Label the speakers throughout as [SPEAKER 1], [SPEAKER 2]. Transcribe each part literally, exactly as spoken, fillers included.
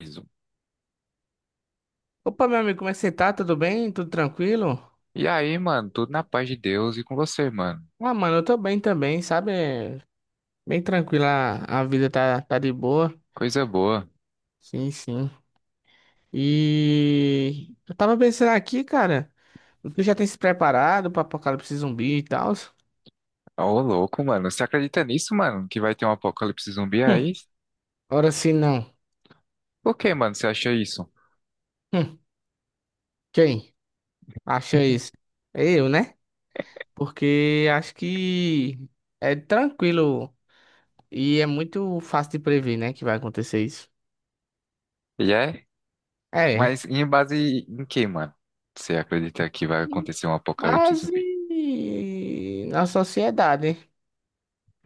[SPEAKER 1] Isso.
[SPEAKER 2] Opa, meu amigo, como é que você tá? Tudo bem? Tudo tranquilo?
[SPEAKER 1] E aí, mano, tudo na paz de Deus e com você, mano.
[SPEAKER 2] Ah, mano, eu tô bem também, sabe? É Bem tranquila, a vida tá, tá de boa.
[SPEAKER 1] Coisa boa.
[SPEAKER 2] Sim, sim. E eu tava pensando aqui, cara, tu já tem se preparado pra apocalipse zumbi e tal?
[SPEAKER 1] Ô, louco, mano. Você acredita nisso, mano? Que vai ter um apocalipse zumbi
[SPEAKER 2] Hum,
[SPEAKER 1] aí?
[SPEAKER 2] ora se não.
[SPEAKER 1] Por que, mano, você acha isso?
[SPEAKER 2] Hum, quem acha isso? É eu, né? Porque acho que é tranquilo e é muito fácil de prever, né, que vai acontecer isso.
[SPEAKER 1] E é?
[SPEAKER 2] É.
[SPEAKER 1] Mas em base em que, mano? Você acredita que vai acontecer um apocalipse
[SPEAKER 2] Base
[SPEAKER 1] zumbi?
[SPEAKER 2] na sociedade.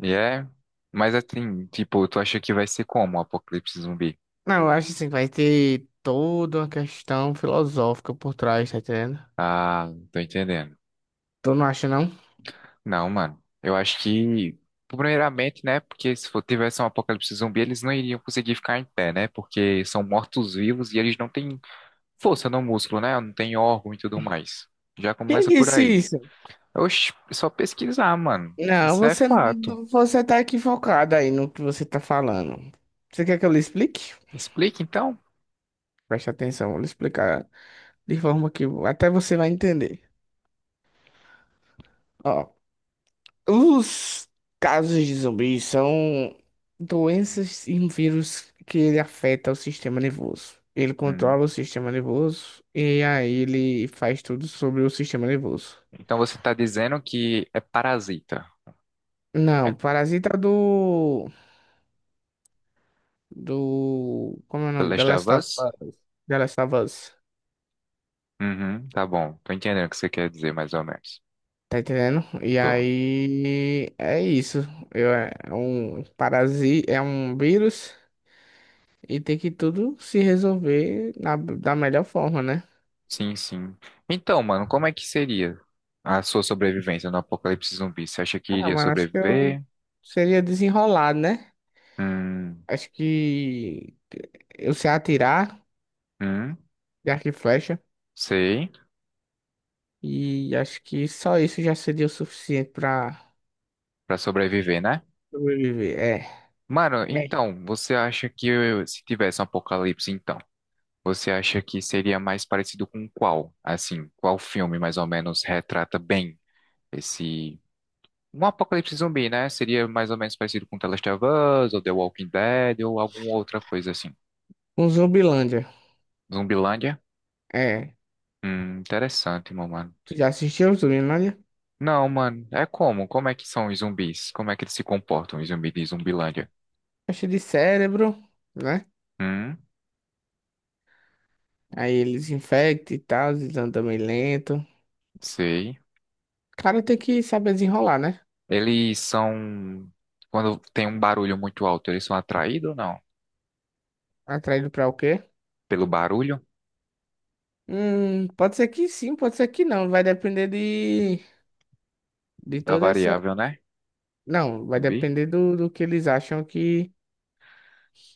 [SPEAKER 1] E é? Mas assim, tipo, tu acha que vai ser como um apocalipse zumbi?
[SPEAKER 2] Não, eu acho assim, vai ter toda uma questão filosófica por trás, tá entendendo?
[SPEAKER 1] Ah, tô entendendo.
[SPEAKER 2] Tu não acha, não?
[SPEAKER 1] Não, mano. Eu acho que, primeiramente, né? Porque se for- tivesse um apocalipse zumbi, eles não iriam conseguir ficar em pé, né? Porque são mortos-vivos e eles não têm força no músculo, né? Não tem órgão e tudo mais. Já
[SPEAKER 2] Quem
[SPEAKER 1] começa por
[SPEAKER 2] disse
[SPEAKER 1] aí.
[SPEAKER 2] isso?
[SPEAKER 1] Oxi, é só pesquisar, mano.
[SPEAKER 2] Não,
[SPEAKER 1] Isso é
[SPEAKER 2] você,
[SPEAKER 1] fato.
[SPEAKER 2] você tá equivocado aí no que você tá falando. Você quer que eu lhe explique?
[SPEAKER 1] Explica então.
[SPEAKER 2] Preste atenção, vou lhe explicar de forma que até você vai entender. Ó. Os casos de zumbis são doenças e um vírus que ele afeta o sistema nervoso. Ele
[SPEAKER 1] Hum.
[SPEAKER 2] controla o sistema nervoso e aí ele faz tudo sobre o sistema nervoso.
[SPEAKER 1] Então você tá dizendo que é parasita. É
[SPEAKER 2] Não, Parasita é do do como é o
[SPEAKER 1] The
[SPEAKER 2] nome? The
[SPEAKER 1] Last of
[SPEAKER 2] Last of
[SPEAKER 1] Us?
[SPEAKER 2] Us. The Last of Us.
[SPEAKER 1] Uhum, tá bom. Tô entendendo o que você quer dizer, mais ou menos.
[SPEAKER 2] Tá entendendo? E
[SPEAKER 1] Tô.
[SPEAKER 2] aí é isso. Eu, é um parasita, é um vírus e tem que tudo se resolver na, da melhor forma, né?
[SPEAKER 1] Sim, sim. Então, mano, como é que seria a sua sobrevivência no apocalipse zumbi? Você acha que
[SPEAKER 2] Ah,
[SPEAKER 1] iria
[SPEAKER 2] mano, acho que eu
[SPEAKER 1] sobreviver?
[SPEAKER 2] seria desenrolado, né?
[SPEAKER 1] Hum,
[SPEAKER 2] Acho que eu sei atirar
[SPEAKER 1] hum,
[SPEAKER 2] de arco e flecha.
[SPEAKER 1] sei.
[SPEAKER 2] E acho que só isso já seria o suficiente pra
[SPEAKER 1] Pra sobreviver, né?
[SPEAKER 2] sobreviver. É.
[SPEAKER 1] Mano,
[SPEAKER 2] É.
[SPEAKER 1] então, você acha que eu- se tivesse um apocalipse, então, você acha que seria mais parecido com qual? Assim, qual filme mais ou menos retrata bem esse. Um apocalipse zumbi, né? Seria mais ou menos parecido com The Last of Us, ou The Walking Dead, ou alguma outra coisa assim.
[SPEAKER 2] Um Zumbilândia.
[SPEAKER 1] Zumbilândia?
[SPEAKER 2] É.
[SPEAKER 1] Hum, interessante, meu mano.
[SPEAKER 2] Tu já assistiu o Zumbilândia?
[SPEAKER 1] Não, mano, é como? Como é que são os zumbis? Como é que eles se comportam, os zumbis de Zumbilândia?
[SPEAKER 2] Acho de cérebro, né?
[SPEAKER 1] Hum,
[SPEAKER 2] Aí eles infectam e tal, eles andam meio lento. O
[SPEAKER 1] sei.
[SPEAKER 2] cara tem que saber desenrolar, né?
[SPEAKER 1] Eles são. Quando tem um barulho muito alto, eles são atraídos ou não?
[SPEAKER 2] Atraído pra o quê?
[SPEAKER 1] Pelo barulho
[SPEAKER 2] Hum, pode ser que sim, pode ser que não. Vai depender de, de
[SPEAKER 1] da
[SPEAKER 2] toda essa.
[SPEAKER 1] variável, né?
[SPEAKER 2] Não, vai
[SPEAKER 1] Zumbi?
[SPEAKER 2] depender do, do que eles acham que,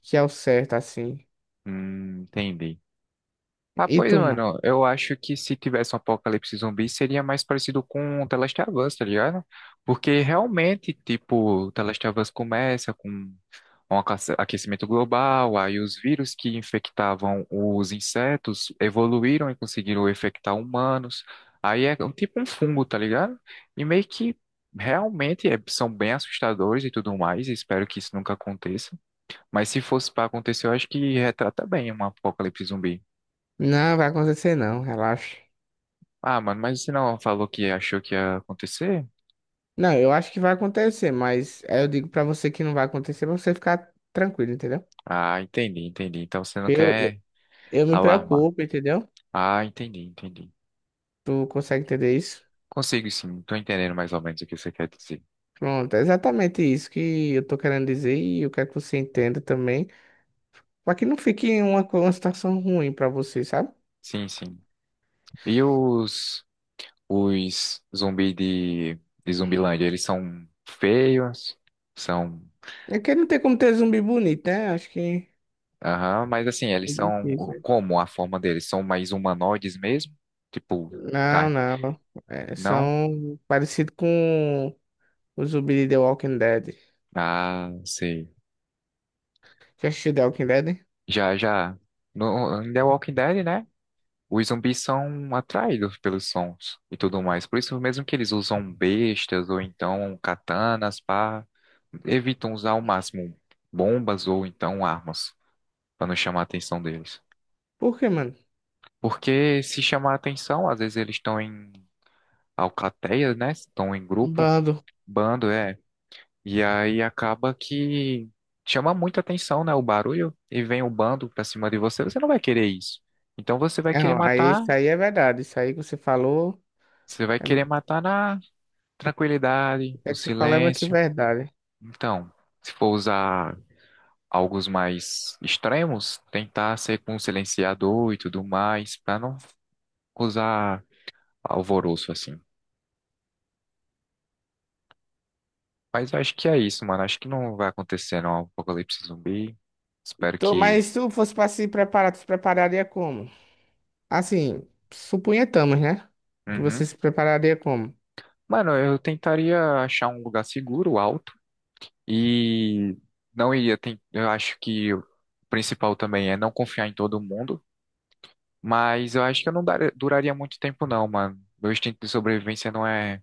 [SPEAKER 2] que é o certo, assim.
[SPEAKER 1] Hum, entendi. Ah,
[SPEAKER 2] E
[SPEAKER 1] pois,
[SPEAKER 2] tu, mano?
[SPEAKER 1] mano, eu acho que se tivesse um apocalipse zumbi seria mais parecido com The Last of Us, tá ligado? Porque realmente, tipo, The Last of Us começa com um aquece- aquecimento global, aí os vírus que infectavam os insetos evoluíram e conseguiram infectar humanos. Aí é um- tipo um fungo, tá ligado? E meio que realmente é- são bem assustadores e tudo mais, e espero que isso nunca aconteça. Mas se fosse pra acontecer, eu acho que retrata bem um apocalipse zumbi.
[SPEAKER 2] Não, vai acontecer não, relaxa.
[SPEAKER 1] Ah, mano, mas você não falou que achou que ia acontecer?
[SPEAKER 2] Não, eu acho que vai acontecer, mas aí eu digo pra você que não vai acontecer pra você ficar tranquilo, entendeu?
[SPEAKER 1] Ah, entendi, entendi. Então você não
[SPEAKER 2] Eu,
[SPEAKER 1] quer
[SPEAKER 2] eu me
[SPEAKER 1] alarmar.
[SPEAKER 2] preocupo, entendeu?
[SPEAKER 1] Ah, entendi, entendi.
[SPEAKER 2] Tu consegue entender isso?
[SPEAKER 1] Consigo sim, tô entendendo mais ou menos o que você quer dizer.
[SPEAKER 2] Pronto, é exatamente isso que eu tô querendo dizer e eu quero que você entenda também. Pra que não fique uma, co- uma situação ruim pra você, sabe?
[SPEAKER 1] Sim, sim. E os, os zumbi de, de Zumbilândia, eles são feios? São.
[SPEAKER 2] É que não tem como ter zumbi bonito, né? Acho que
[SPEAKER 1] Aham, mas assim, eles
[SPEAKER 2] é
[SPEAKER 1] são. o-
[SPEAKER 2] difícil.
[SPEAKER 1] Como a forma deles? São mais humanoides mesmo? Tipo,
[SPEAKER 2] Não,
[SPEAKER 1] carne?
[SPEAKER 2] não. É,
[SPEAKER 1] Não?
[SPEAKER 2] são parecido com os zumbi de The Walking Dead.
[SPEAKER 1] Ah, sei.
[SPEAKER 2] Já assistiu The Walking Dead?
[SPEAKER 1] Já, já. No, em The Walking Dead, né? Os zumbis são atraídos pelos sons e tudo mais. Por isso mesmo que eles usam bestas ou então katanas para evitam usar ao máximo bombas ou então armas para não chamar a atenção deles.
[SPEAKER 2] Por quê, mano?
[SPEAKER 1] Porque se chamar a atenção, às vezes eles estão em alcateia, né? Estão em grupo,
[SPEAKER 2] Bando.
[SPEAKER 1] bando, é. E aí acaba que chama muita atenção, né? O barulho e vem o bando pra cima de você, você não vai querer isso. Então você vai querer
[SPEAKER 2] Não, aí
[SPEAKER 1] matar,
[SPEAKER 2] isso aí é verdade. Isso aí que você falou,
[SPEAKER 1] você vai
[SPEAKER 2] é,
[SPEAKER 1] querer
[SPEAKER 2] meio-
[SPEAKER 1] matar na tranquilidade, no
[SPEAKER 2] é que você falou é meio que
[SPEAKER 1] silêncio.
[SPEAKER 2] verdade.
[SPEAKER 1] Então, se for usar algo mais extremos, tentar ser com um silenciador e tudo mais, para não usar alvoroço assim. Mas eu acho que é isso, mano. Acho que não vai acontecer não, apocalipse zumbi. Espero
[SPEAKER 2] Tô,
[SPEAKER 1] que.
[SPEAKER 2] mas se tu fosse pra se preparar, tu se prepararia como? Assim, suponhamos, né? Que você
[SPEAKER 1] Uhum.
[SPEAKER 2] se prepararia como?
[SPEAKER 1] Mano, eu tentaria achar um lugar seguro, alto, e não iria. ten- Eu acho que o principal também é não confiar em todo mundo. Mas eu acho que eu não dar- duraria muito tempo, não, mano. Meu instinto de sobrevivência não é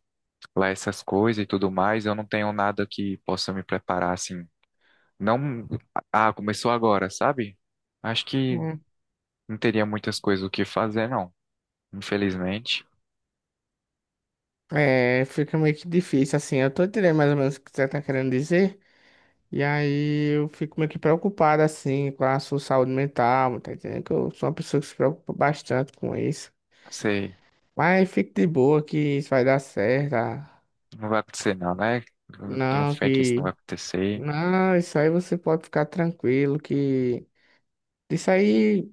[SPEAKER 1] lá essas coisas e tudo mais. Eu não tenho nada que possa me preparar, assim. Não. Ah, começou agora, sabe? Acho que
[SPEAKER 2] Hum.
[SPEAKER 1] não teria muitas coisas o que fazer, não. Infelizmente.
[SPEAKER 2] É, fica meio que difícil, assim. Eu tô entendendo mais ou menos o que você tá querendo dizer. E aí eu fico meio que preocupado assim com a sua saúde mental, tá entendendo? Que eu sou uma pessoa que se preocupa bastante com isso.
[SPEAKER 1] Sei.
[SPEAKER 2] Mas fique de boa que isso vai dar certo. ah.
[SPEAKER 1] Não vai acontecer, não, né? Eu tenho
[SPEAKER 2] Não,
[SPEAKER 1] fé que isso não vai
[SPEAKER 2] que.
[SPEAKER 1] acontecer.
[SPEAKER 2] Não, isso aí você pode ficar tranquilo que. Isso aí,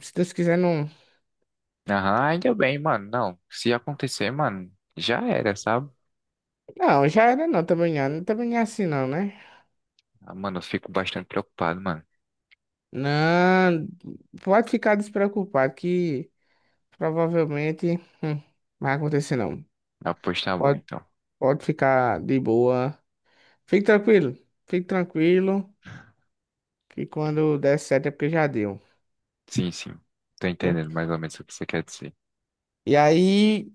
[SPEAKER 2] se Deus quiser, não.
[SPEAKER 1] Aham, ainda bem, mano. Não. Se acontecer, mano, já era, sabe?
[SPEAKER 2] Não, já era não, também não, também não é assim não, né?
[SPEAKER 1] Ah, mano, eu fico bastante preocupado, mano.
[SPEAKER 2] Não, pode ficar despreocupado que provavelmente hum, não vai acontecer não.
[SPEAKER 1] Ah, pois tá bom,
[SPEAKER 2] Pode,
[SPEAKER 1] então.
[SPEAKER 2] pode ficar de boa. Fique tranquilo, fique tranquilo, que quando der certo é porque já deu,
[SPEAKER 1] Sim, sim. Tô
[SPEAKER 2] viu?
[SPEAKER 1] entendendo mais ou menos o que você quer dizer.
[SPEAKER 2] E aí,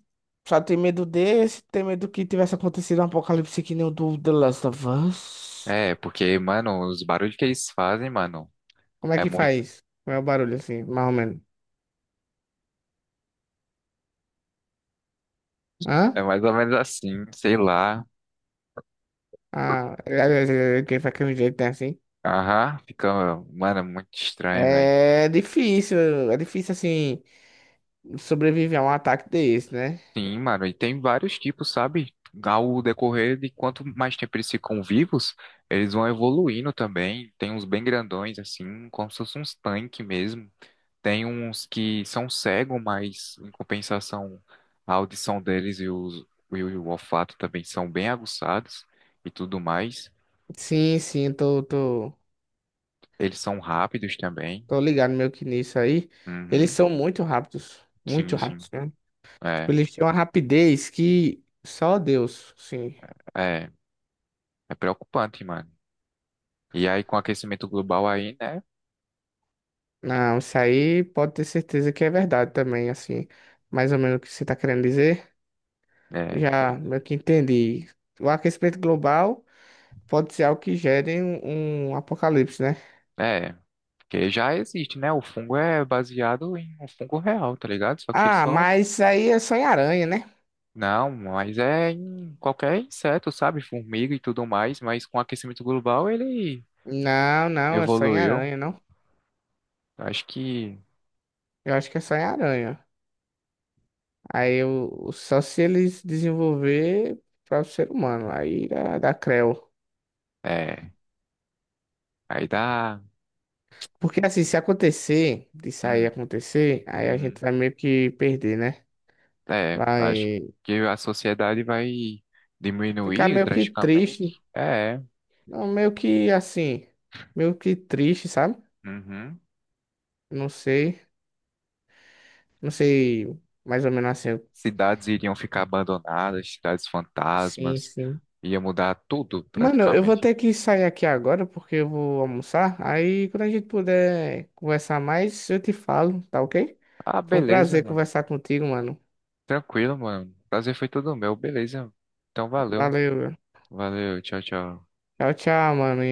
[SPEAKER 2] só tem medo desse, tem medo que tivesse acontecido um apocalipse que nem o do The Last of Us.
[SPEAKER 1] É, porque, mano, os barulhos que eles fazem, mano,
[SPEAKER 2] Como é
[SPEAKER 1] é
[SPEAKER 2] que
[SPEAKER 1] muito,
[SPEAKER 2] faz? Qual é o barulho assim, mais ou menos?
[SPEAKER 1] é
[SPEAKER 2] Hã?
[SPEAKER 1] mais ou menos assim, sei lá.
[SPEAKER 2] Ah, é, é, é, quem faz aquele jeito né, assim?
[SPEAKER 1] Aham, fica, mano, é muito estranho, velho.
[SPEAKER 2] É difícil, é difícil assim sobreviver a um ataque desse, né?
[SPEAKER 1] Sim, mano, e tem vários tipos, sabe? Ao decorrer de quanto mais tempo eles ficam vivos, eles vão evoluindo também. Tem uns bem grandões, assim, como se fosse uns tanques mesmo. Tem uns que são cegos, mas em compensação, a audição deles e, os, e o olfato também são bem aguçados e tudo mais.
[SPEAKER 2] Sim, sim, tô, tô,
[SPEAKER 1] Eles são rápidos também.
[SPEAKER 2] tô ligado meio que nisso aí. Eles
[SPEAKER 1] Uhum.
[SPEAKER 2] são muito rápidos,
[SPEAKER 1] Sim,
[SPEAKER 2] muito
[SPEAKER 1] sim.
[SPEAKER 2] rápidos. Né? Tipo,
[SPEAKER 1] É,
[SPEAKER 2] eles têm uma rapidez que só Deus, sim.
[SPEAKER 1] é, é preocupante, mano. E aí, com o aquecimento global aí, né?
[SPEAKER 2] Não, isso aí pode ter certeza que é verdade também, assim. Mais ou menos o que você está querendo dizer.
[SPEAKER 1] É,
[SPEAKER 2] Já
[SPEAKER 1] pois
[SPEAKER 2] meio que entendi. O aquecimento global pode ser algo que gere um, um apocalipse, né?
[SPEAKER 1] é, É, porque já existe, né? O fungo é baseado em um fungo real, tá ligado? Só que ele
[SPEAKER 2] Ah,
[SPEAKER 1] só.
[SPEAKER 2] mas isso aí é só em aranha, né?
[SPEAKER 1] Não, mas é em qualquer inseto, sabe? Formiga e tudo mais, mas com o aquecimento global ele
[SPEAKER 2] Não, não, é só em
[SPEAKER 1] evoluiu.
[SPEAKER 2] aranha, não.
[SPEAKER 1] Acho que
[SPEAKER 2] Eu acho que é só em aranha. Aí eu, só se eles desenvolver para o ser humano. Aí dá, dá creu.
[SPEAKER 1] é. Aí dá.
[SPEAKER 2] Porque assim, se acontecer, de sair
[SPEAKER 1] Hum,
[SPEAKER 2] acontecer, aí a gente
[SPEAKER 1] uhum.
[SPEAKER 2] vai meio que perder, né?
[SPEAKER 1] É, acho
[SPEAKER 2] Vai
[SPEAKER 1] que a sociedade vai
[SPEAKER 2] ficar
[SPEAKER 1] diminuir
[SPEAKER 2] meio que
[SPEAKER 1] drasticamente.
[SPEAKER 2] triste.
[SPEAKER 1] É. é.
[SPEAKER 2] Não, meio que assim, meio que triste, sabe?
[SPEAKER 1] Uhum.
[SPEAKER 2] Não sei, não sei mais ou menos assim.
[SPEAKER 1] Cidades iriam ficar abandonadas, cidades
[SPEAKER 2] Sim,
[SPEAKER 1] fantasmas.
[SPEAKER 2] sim.
[SPEAKER 1] Ia mudar tudo
[SPEAKER 2] Mano, eu vou
[SPEAKER 1] praticamente.
[SPEAKER 2] ter que sair aqui agora porque eu vou almoçar. Aí quando a gente puder conversar mais, eu te falo, tá, ok?
[SPEAKER 1] Ah,
[SPEAKER 2] Foi um
[SPEAKER 1] beleza,
[SPEAKER 2] prazer
[SPEAKER 1] mano.
[SPEAKER 2] conversar contigo, mano.
[SPEAKER 1] Tranquilo, mano. Prazer foi todo meu, beleza. Então valeu.
[SPEAKER 2] Valeu, meu.
[SPEAKER 1] Valeu, tchau, tchau.
[SPEAKER 2] Tchau, tchau, mano.